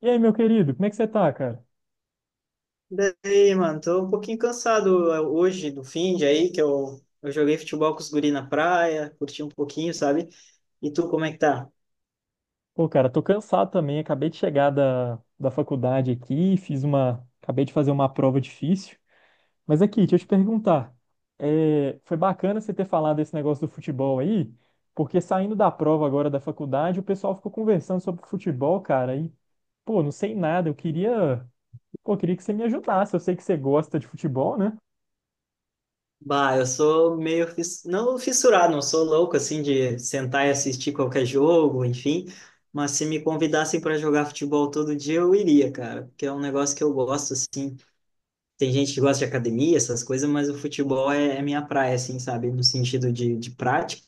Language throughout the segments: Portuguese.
E aí, meu querido, como é que você tá, cara? Daí, mano, tô um pouquinho cansado hoje do fim de aí, que eu joguei futebol com os guri na praia, curti um pouquinho, sabe? E tu, como é que tá? Pô, cara, tô cansado também. Acabei de chegar da faculdade aqui, fiz uma. Acabei de fazer uma prova difícil. Mas aqui, deixa eu te perguntar. Foi bacana você ter falado esse negócio do futebol aí, porque saindo da prova agora da faculdade, o pessoal ficou conversando sobre futebol, cara, e, pô, não sei nada. Eu queria. Pô, eu queria que você me ajudasse. Eu sei que você gosta de futebol, né? Bah, eu sou meio, não fissurado, não sou louco, assim, de sentar e assistir qualquer jogo, enfim. Mas se me convidassem para jogar futebol todo dia, eu iria, cara, porque é um negócio que eu gosto, assim. Tem gente que gosta de academia, essas coisas, mas o futebol é minha praia, assim, sabe? No sentido de prática.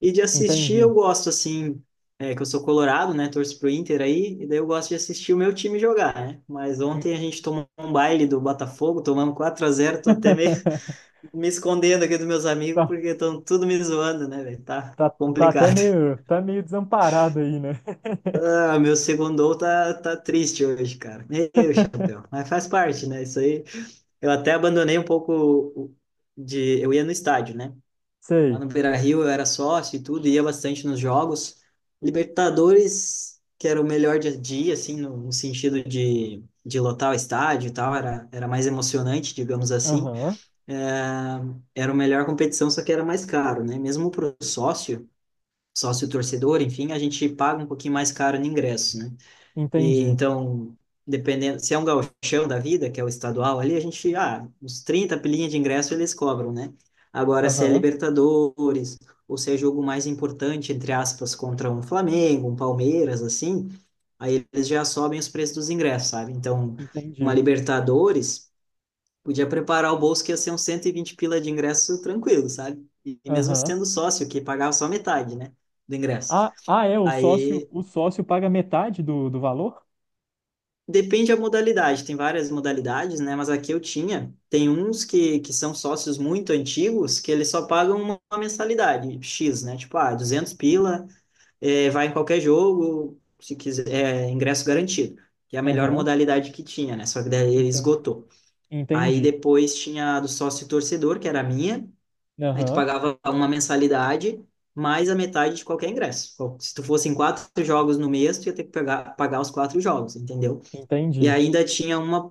E de assistir Entendi. eu gosto, assim, que eu sou colorado, né? Torço pro Inter aí, e daí eu gosto de assistir o meu time jogar, né? Mas ontem a gente tomou um baile do Botafogo, tomamos 4-0, tô até meio me escondendo aqui dos meus amigos, Tá, porque estão tudo me zoando, né, velho? Tá tá, tá até complicado. meio, tá meio desamparado aí, né? Ah, meu segundo gol tá triste hoje, cara. Meu chapéu. Mas faz parte, né? Isso aí. Eu até abandonei um pouco Eu ia no estádio, né? Lá Sei. no Beira-Rio eu era sócio e tudo, ia bastante nos jogos. Libertadores, que era o melhor dia a dia, assim, no sentido de lotar o estádio e tal, era mais emocionante, digamos assim. Aham. É, era a melhor competição, só que era mais caro, né? Mesmo para o sócio, sócio torcedor, enfim, a gente paga um pouquinho mais caro no ingresso, né? E Entendi. então, dependendo, se é um gauchão da vida, que é o estadual ali, a gente, ah, uns 30 pilinhas de ingresso eles cobram, né? Agora, se é Aham. Libertadores, ou se é jogo mais importante, entre aspas, contra um Flamengo, um Palmeiras, assim, aí eles já sobem os preços dos ingressos, sabe? Então, uma Entendi. Libertadores, podia preparar o bolso que ia ser uns 120 pila de ingresso tranquilo, sabe? E mesmo Aham. sendo sócio, que pagava só metade, né, do ingresso. Ah, ah, é, Aí o sócio paga metade do valor? depende da modalidade, tem várias modalidades, né? Mas aqui eu tinha. Tem uns que são sócios muito antigos que eles só pagam uma mensalidade X, né? Tipo, ah, 200 pila, vai em qualquer jogo, se quiser, é, ingresso garantido. Que é a melhor Aham. modalidade que tinha, né? Só que daí ele Enten- esgotou. Aí Entendi. depois tinha a do sócio torcedor, que era a minha. Aí tu Aham. pagava uma mensalidade mais a metade de qualquer ingresso. Se tu fosse em quatro jogos no mês, tu ia ter que pagar os quatro jogos, entendeu? E Entendi. ainda tinha uma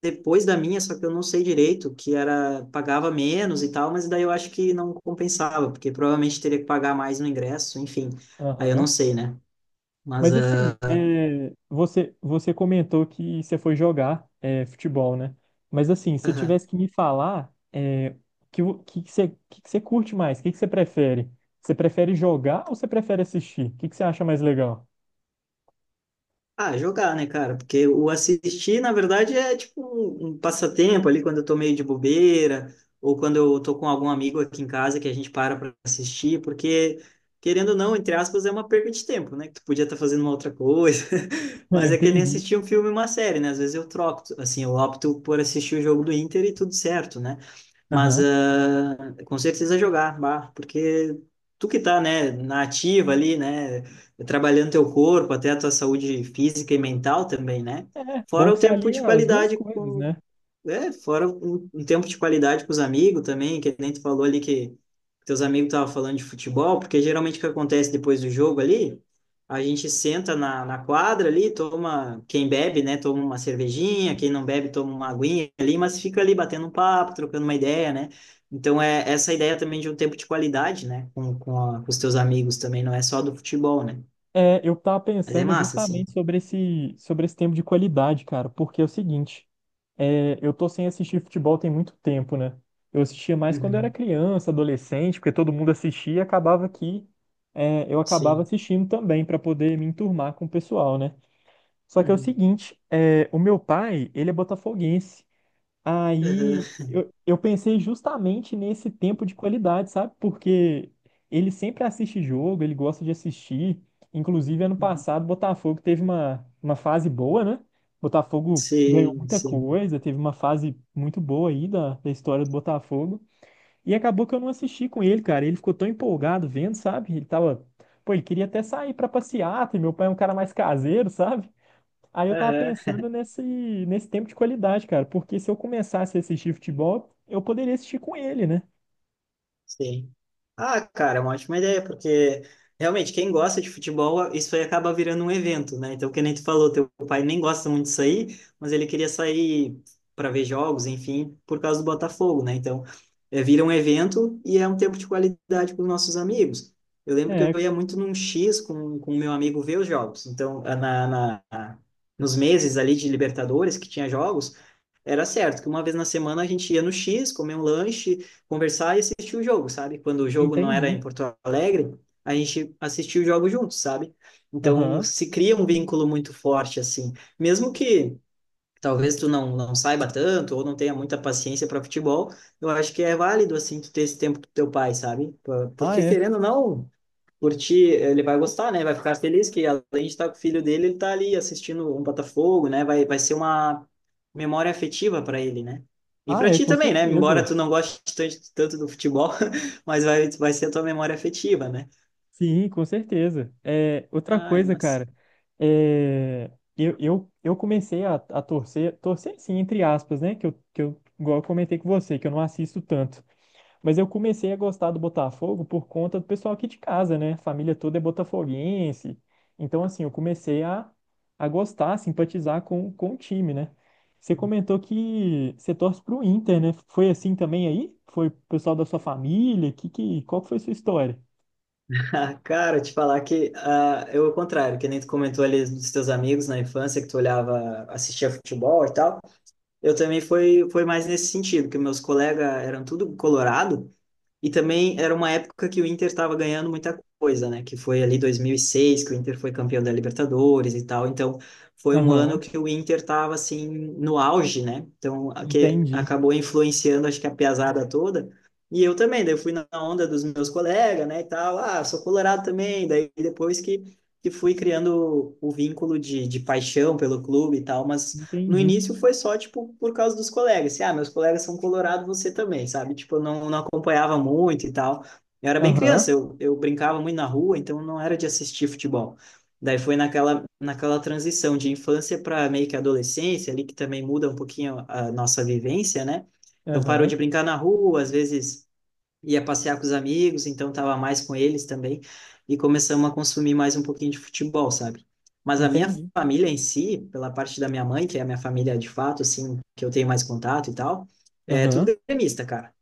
depois da minha, só que eu não sei direito, que era pagava menos e tal, mas daí eu acho que não compensava, porque provavelmente teria que pagar mais no ingresso, enfim. Aí eu não Aham. sei, né? Mas Mas assim, ah, você, você comentou que você foi jogar futebol, né? Mas assim, se tivesse que me falar, é, que, o que você curte mais? O que, que você prefere? Você prefere jogar ou você prefere assistir? O que, que você acha mais legal? ah, jogar, né, cara? Porque o assistir, na verdade, é tipo um passatempo ali quando eu tô meio de bobeira, ou quando eu tô com algum amigo aqui em casa que a gente para pra assistir, porque, querendo ou não, entre aspas, é uma perda de tempo, né? Que tu podia estar fazendo uma outra coisa, Ah, mas é que nem entendi. assistir um filme e uma série, né? Às vezes eu troco, assim, eu opto por assistir o jogo do Inter e tudo certo, né? Mas Aham. Com certeza jogar, bah, porque tu que tá, né, na ativa ali, né, trabalhando teu corpo, até a tua saúde física e mental também, né? É, bom Fora o que você tempo alia de as duas qualidade coisas, com né? Fora um tempo de qualidade com os amigos também, que nem tu falou ali que teus amigos estavam falando de futebol, porque geralmente o que acontece depois do jogo ali, a gente senta na quadra ali, toma, quem bebe, né, toma uma cervejinha, quem não bebe toma uma aguinha ali, mas fica ali batendo um papo, trocando uma ideia, né? Então é essa ideia também de um tempo de qualidade, né, com os teus amigos também, não é só do futebol, né? É, eu tava Mas é pensando massa, assim. justamente sobre esse tempo de qualidade, cara, porque é o seguinte, é, eu tô sem assistir futebol tem muito tempo, né? Eu assistia mais quando eu era Uhum. criança, adolescente, porque todo mundo assistia e acabava que eu acabava Sim. assistindo também pra poder me enturmar com o pessoal, né? Só que é o Uhum. seguinte, é, o meu pai, ele é botafoguense. Aí Uhum. Eu pensei justamente nesse tempo de qualidade, sabe? Porque ele sempre assiste jogo, ele gosta de assistir. Inclusive, ano Uhum. passado, Botafogo teve uma fase boa, né? Botafogo ganhou Sim, muita sim. coisa, teve uma fase muito boa aí da história do Botafogo. E acabou que eu não assisti com ele, cara. Ele ficou tão empolgado vendo, sabe? Ele tava. Pô, ele queria até sair pra passeata, e meu pai é um cara mais caseiro, sabe? Aí eu tava Aham. pensando nesse, nesse tempo de qualidade, cara, porque se eu começasse a assistir futebol, eu poderia assistir com ele, né? Sim. Ah, cara, é uma ótima ideia, porque realmente quem gosta de futebol, isso aí acaba virando um evento, né? Então, que nem tu falou, teu pai nem gosta muito de sair, mas ele queria sair para ver jogos, enfim, por causa do Botafogo, né? Então, vira um evento e é um tempo de qualidade para os nossos amigos. Eu lembro que É, eu ia muito num X com o meu amigo ver os jogos. Então, na, nos meses ali de Libertadores, que tinha jogos, era certo que uma vez na semana a gente ia no X, comer um lanche, conversar e assistir o jogo, sabe? Quando o jogo não era entendi. em Porto Alegre, a gente assistia o jogo juntos, sabe? Então Aham. se cria um vínculo muito forte assim, mesmo que talvez tu não saiba tanto ou não tenha muita paciência para futebol, eu acho que é válido assim tu ter esse tempo com teu pai, sabe? Ah, Porque é. querendo ou não, curtir, ele vai gostar, né? Vai ficar feliz que além de estar com o filho dele, ele tá ali assistindo um Botafogo, né? Vai ser uma memória afetiva para ele, né? E Ah, para é, ti com também, né? Embora certeza. tu não goste tanto, tanto do futebol, mas vai ser a tua memória afetiva, né? Sim, com certeza. É, outra Ai, coisa, mas. cara, é, eu comecei a torcer, torcer sim, entre aspas, né? Que eu, igual eu comentei com você, que eu não assisto tanto. Mas eu comecei a gostar do Botafogo por conta do pessoal aqui de casa, né? A família toda é botafoguense. Então, assim, eu comecei a gostar, a simpatizar com o time, né? Você comentou que você torce pro Inter, né? Foi assim também aí? Foi o pessoal da sua família? Que, qual que foi a sua história? cara, te falar que ah, eu, ao contrário, que nem tu comentou ali dos teus amigos na infância, que tu olhava, assistia futebol e tal, eu também foi mais nesse sentido, que meus colegas eram tudo colorado. E também era uma época que o Inter estava ganhando muita coisa, né? Que foi ali 2006, que o Inter foi campeão da Libertadores e tal. Então, foi um ano Aham, que o Inter estava, assim, no auge, né? Então, que entendi, acabou influenciando, acho que a piazada toda. E eu também, daí eu fui na onda dos meus colegas, né? E tal, ah, sou colorado também. Daí, depois que fui criando o vínculo de paixão pelo clube e tal, mas no entendi. início foi só, tipo, por causa dos colegas. Assim, ah, meus colegas são colorados você também, sabe? Tipo, eu não acompanhava muito e tal. Eu era bem Aham, criança, eu brincava muito na rua, então não era de assistir futebol. Daí foi naquela transição de infância para meio que adolescência, ali que também muda um pouquinho a nossa vivência, né? Então parou aham, de brincar na rua, às vezes ia passear com os amigos, então tava mais com eles também, e começamos a consumir mais um pouquinho de futebol, sabe? Mas a minha entendi. família em si, pela parte da minha mãe, que é a minha família de fato, assim, que eu tenho mais contato e tal, é Aham. tudo gremista, cara.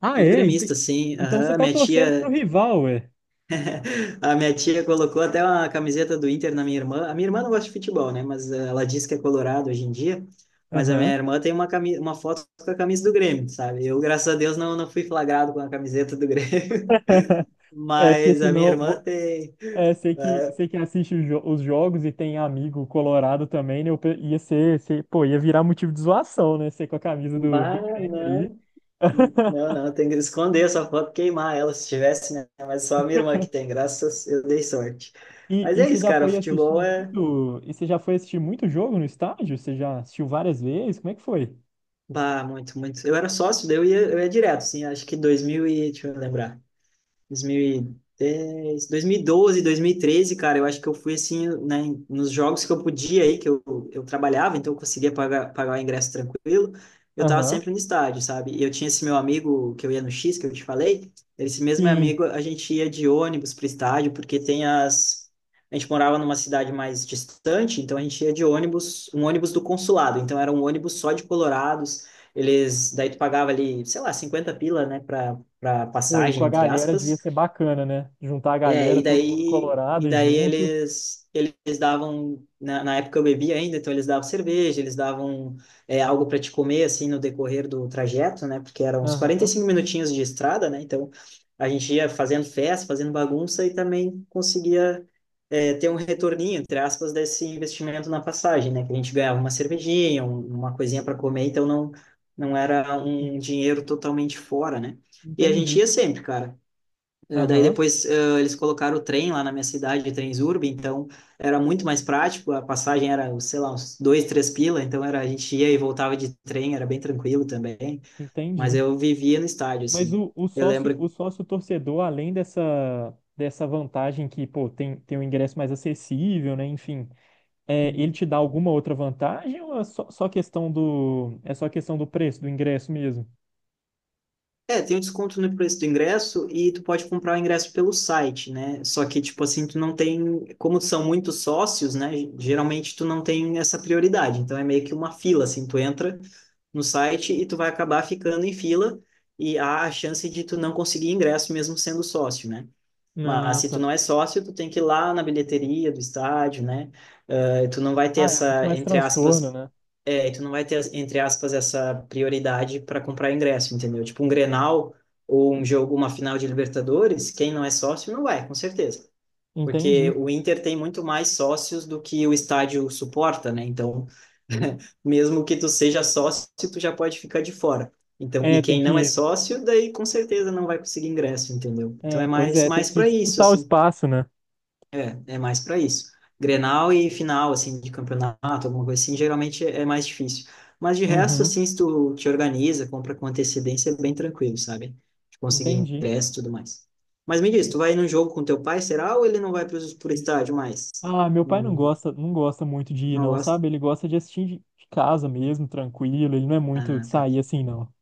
Ah, Tudo é? gremista, assim. Então você Aham, tá minha torcendo pro tia, rival, é? a minha tia colocou até uma camiseta do Inter na minha irmã. A minha irmã não gosta de futebol, né? Mas ela diz que é colorado hoje em dia. Mas a Aham. minha irmã tem uma, uma foto com a camisa do Grêmio, sabe? Eu, graças a Deus, não fui flagrado com a camiseta do Grêmio. É, porque Mas a minha irmã senão. tem. É, É, sei que assiste os, os jogos e tem amigo colorado também, né? Ia ser, pô, ia virar motivo de zoação, né? Ser com a camisa do Grêmio banana. aí. Não, não, tem que esconder essa foto, queimar ela se tivesse, né? Mas só a minha irmã que tem, graças, eu dei sorte. E, Mas e é você isso, já cara, o foi assistir futebol é. muito, e você já foi assistir muito jogo no estádio? Você já assistiu várias vezes? Como é que foi? Bah, muito, muito. Eu era sócio, daí eu ia direto, assim, acho que 2000 e. Deixa eu lembrar. 2010, 2012, 2013, cara, eu acho que eu fui assim, né, nos jogos que eu podia aí, que eu trabalhava, então eu conseguia pagar o ingresso tranquilo, eu tava Aham. sempre no estádio, sabe? E eu tinha esse meu amigo que eu ia no X, que eu te falei, esse mesmo meu Sim, amigo, a gente ia de ônibus pro estádio, porque tem as. A gente morava numa cidade mais distante, então a gente ia de ônibus, um ônibus do consulado, então era um ônibus só de colorados, eles. Daí tu pagava ali, sei lá, 50 pila, né, pra pô, e com passagem, a entre galera devia aspas, ser bacana, né? Juntar a galera, e todo mundo daí, colorado e e daí junto. Eles davam, na época eu bebia ainda, então eles davam cerveja, eles davam algo para te comer, assim, no decorrer do trajeto, né? Porque eram uns quarenta e Aham. cinco minutinhos de estrada, né? Então a gente ia fazendo festa, fazendo bagunça e também conseguia ter um retorninho, entre aspas, desse investimento na passagem, né? Que a gente ganhava uma cervejinha, uma coisinha para comer, então não era En- um dinheiro totalmente fora, né? E a gente Entendi. ia sempre, cara. Daí Aham. depois eles colocaram o trem lá na minha cidade, Transurb, então era muito mais prático, a passagem era, sei lá, uns dois, três pila, então era, a gente ia e voltava de trem, era bem tranquilo também, mas Entendi. eu vivia no estádio, Mas assim. Eu o lembro. sócio torcedor, além dessa, dessa vantagem que, pô, tem, tem um ingresso mais acessível, né? Enfim, é, ele te dá alguma outra vantagem ou é só, só questão do, é só questão do preço do ingresso mesmo? É, tem um desconto no preço do ingresso e tu pode comprar o ingresso pelo site, né? Só que, tipo assim, tu não tem, como são muitos sócios, né? Geralmente tu não tem essa prioridade. Então é meio que uma fila, assim, tu entra no site e tu vai acabar ficando em fila e há a chance de tu não conseguir ingresso mesmo sendo sócio, né? Mas Ah, se tu tá. não é sócio, tu tem que ir lá na bilheteria do estádio, né? Tu não vai ter Ah, é muito essa, mais entre transtorno, aspas, né? E tu não vai ter, entre aspas, essa prioridade para comprar ingresso, entendeu? Tipo um Grenal ou um jogo, uma final de Libertadores, quem não é sócio não vai, com certeza. Porque Entendi. o Inter tem muito mais sócios do que o estádio suporta, né? Então, mesmo que tu seja sócio, tu já pode ficar de fora. Então, e É, tem quem não é que, sócio, daí com certeza não vai conseguir ingresso, entendeu? Então é é, pois é, tem mais que para isso, disputar o assim. espaço, né? É, é mais para isso. Grenal e final, assim, de campeonato, alguma coisa assim, geralmente é mais difícil. Mas de resto, Uhum, assim, se tu te organiza, compra com antecedência, é bem tranquilo, sabe? De conseguir entendi. ingresso e tudo mais. Mas me diz, tu vai num jogo com teu pai, será? Ou ele não vai pro estádio mais? Ah, meu pai não Não, gosta, não gosta muito de ir, não não, gosta? sabe? Ele gosta de assistir de casa mesmo, tranquilo. Ele não é muito de Ah, tá. sair assim, não.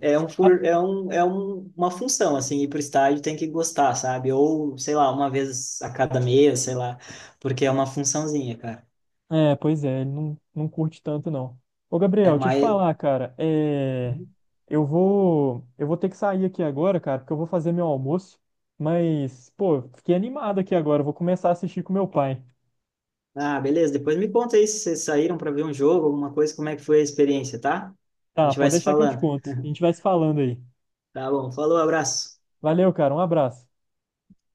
É uma função, assim, ir pro estádio tem que gostar, sabe? Ou, sei lá, uma vez a cada mês, sei lá, porque é uma funçãozinha, cara. É, pois é, ele não, não curte tanto não. Ô, Gabriel, É deixa eu te mais. falar, cara, é, eu vou ter que sair aqui agora, cara, porque eu vou fazer meu almoço, mas, pô, fiquei animado aqui agora, eu vou começar a assistir com meu pai. Ah, beleza. Depois me conta aí se vocês saíram para ver um jogo, alguma coisa, como é que foi a experiência, tá? A Tá, gente vai pode se deixar que eu te falando. conto. A gente vai se falando aí. Tá bom. Falou, abraço. Valeu, cara, um abraço.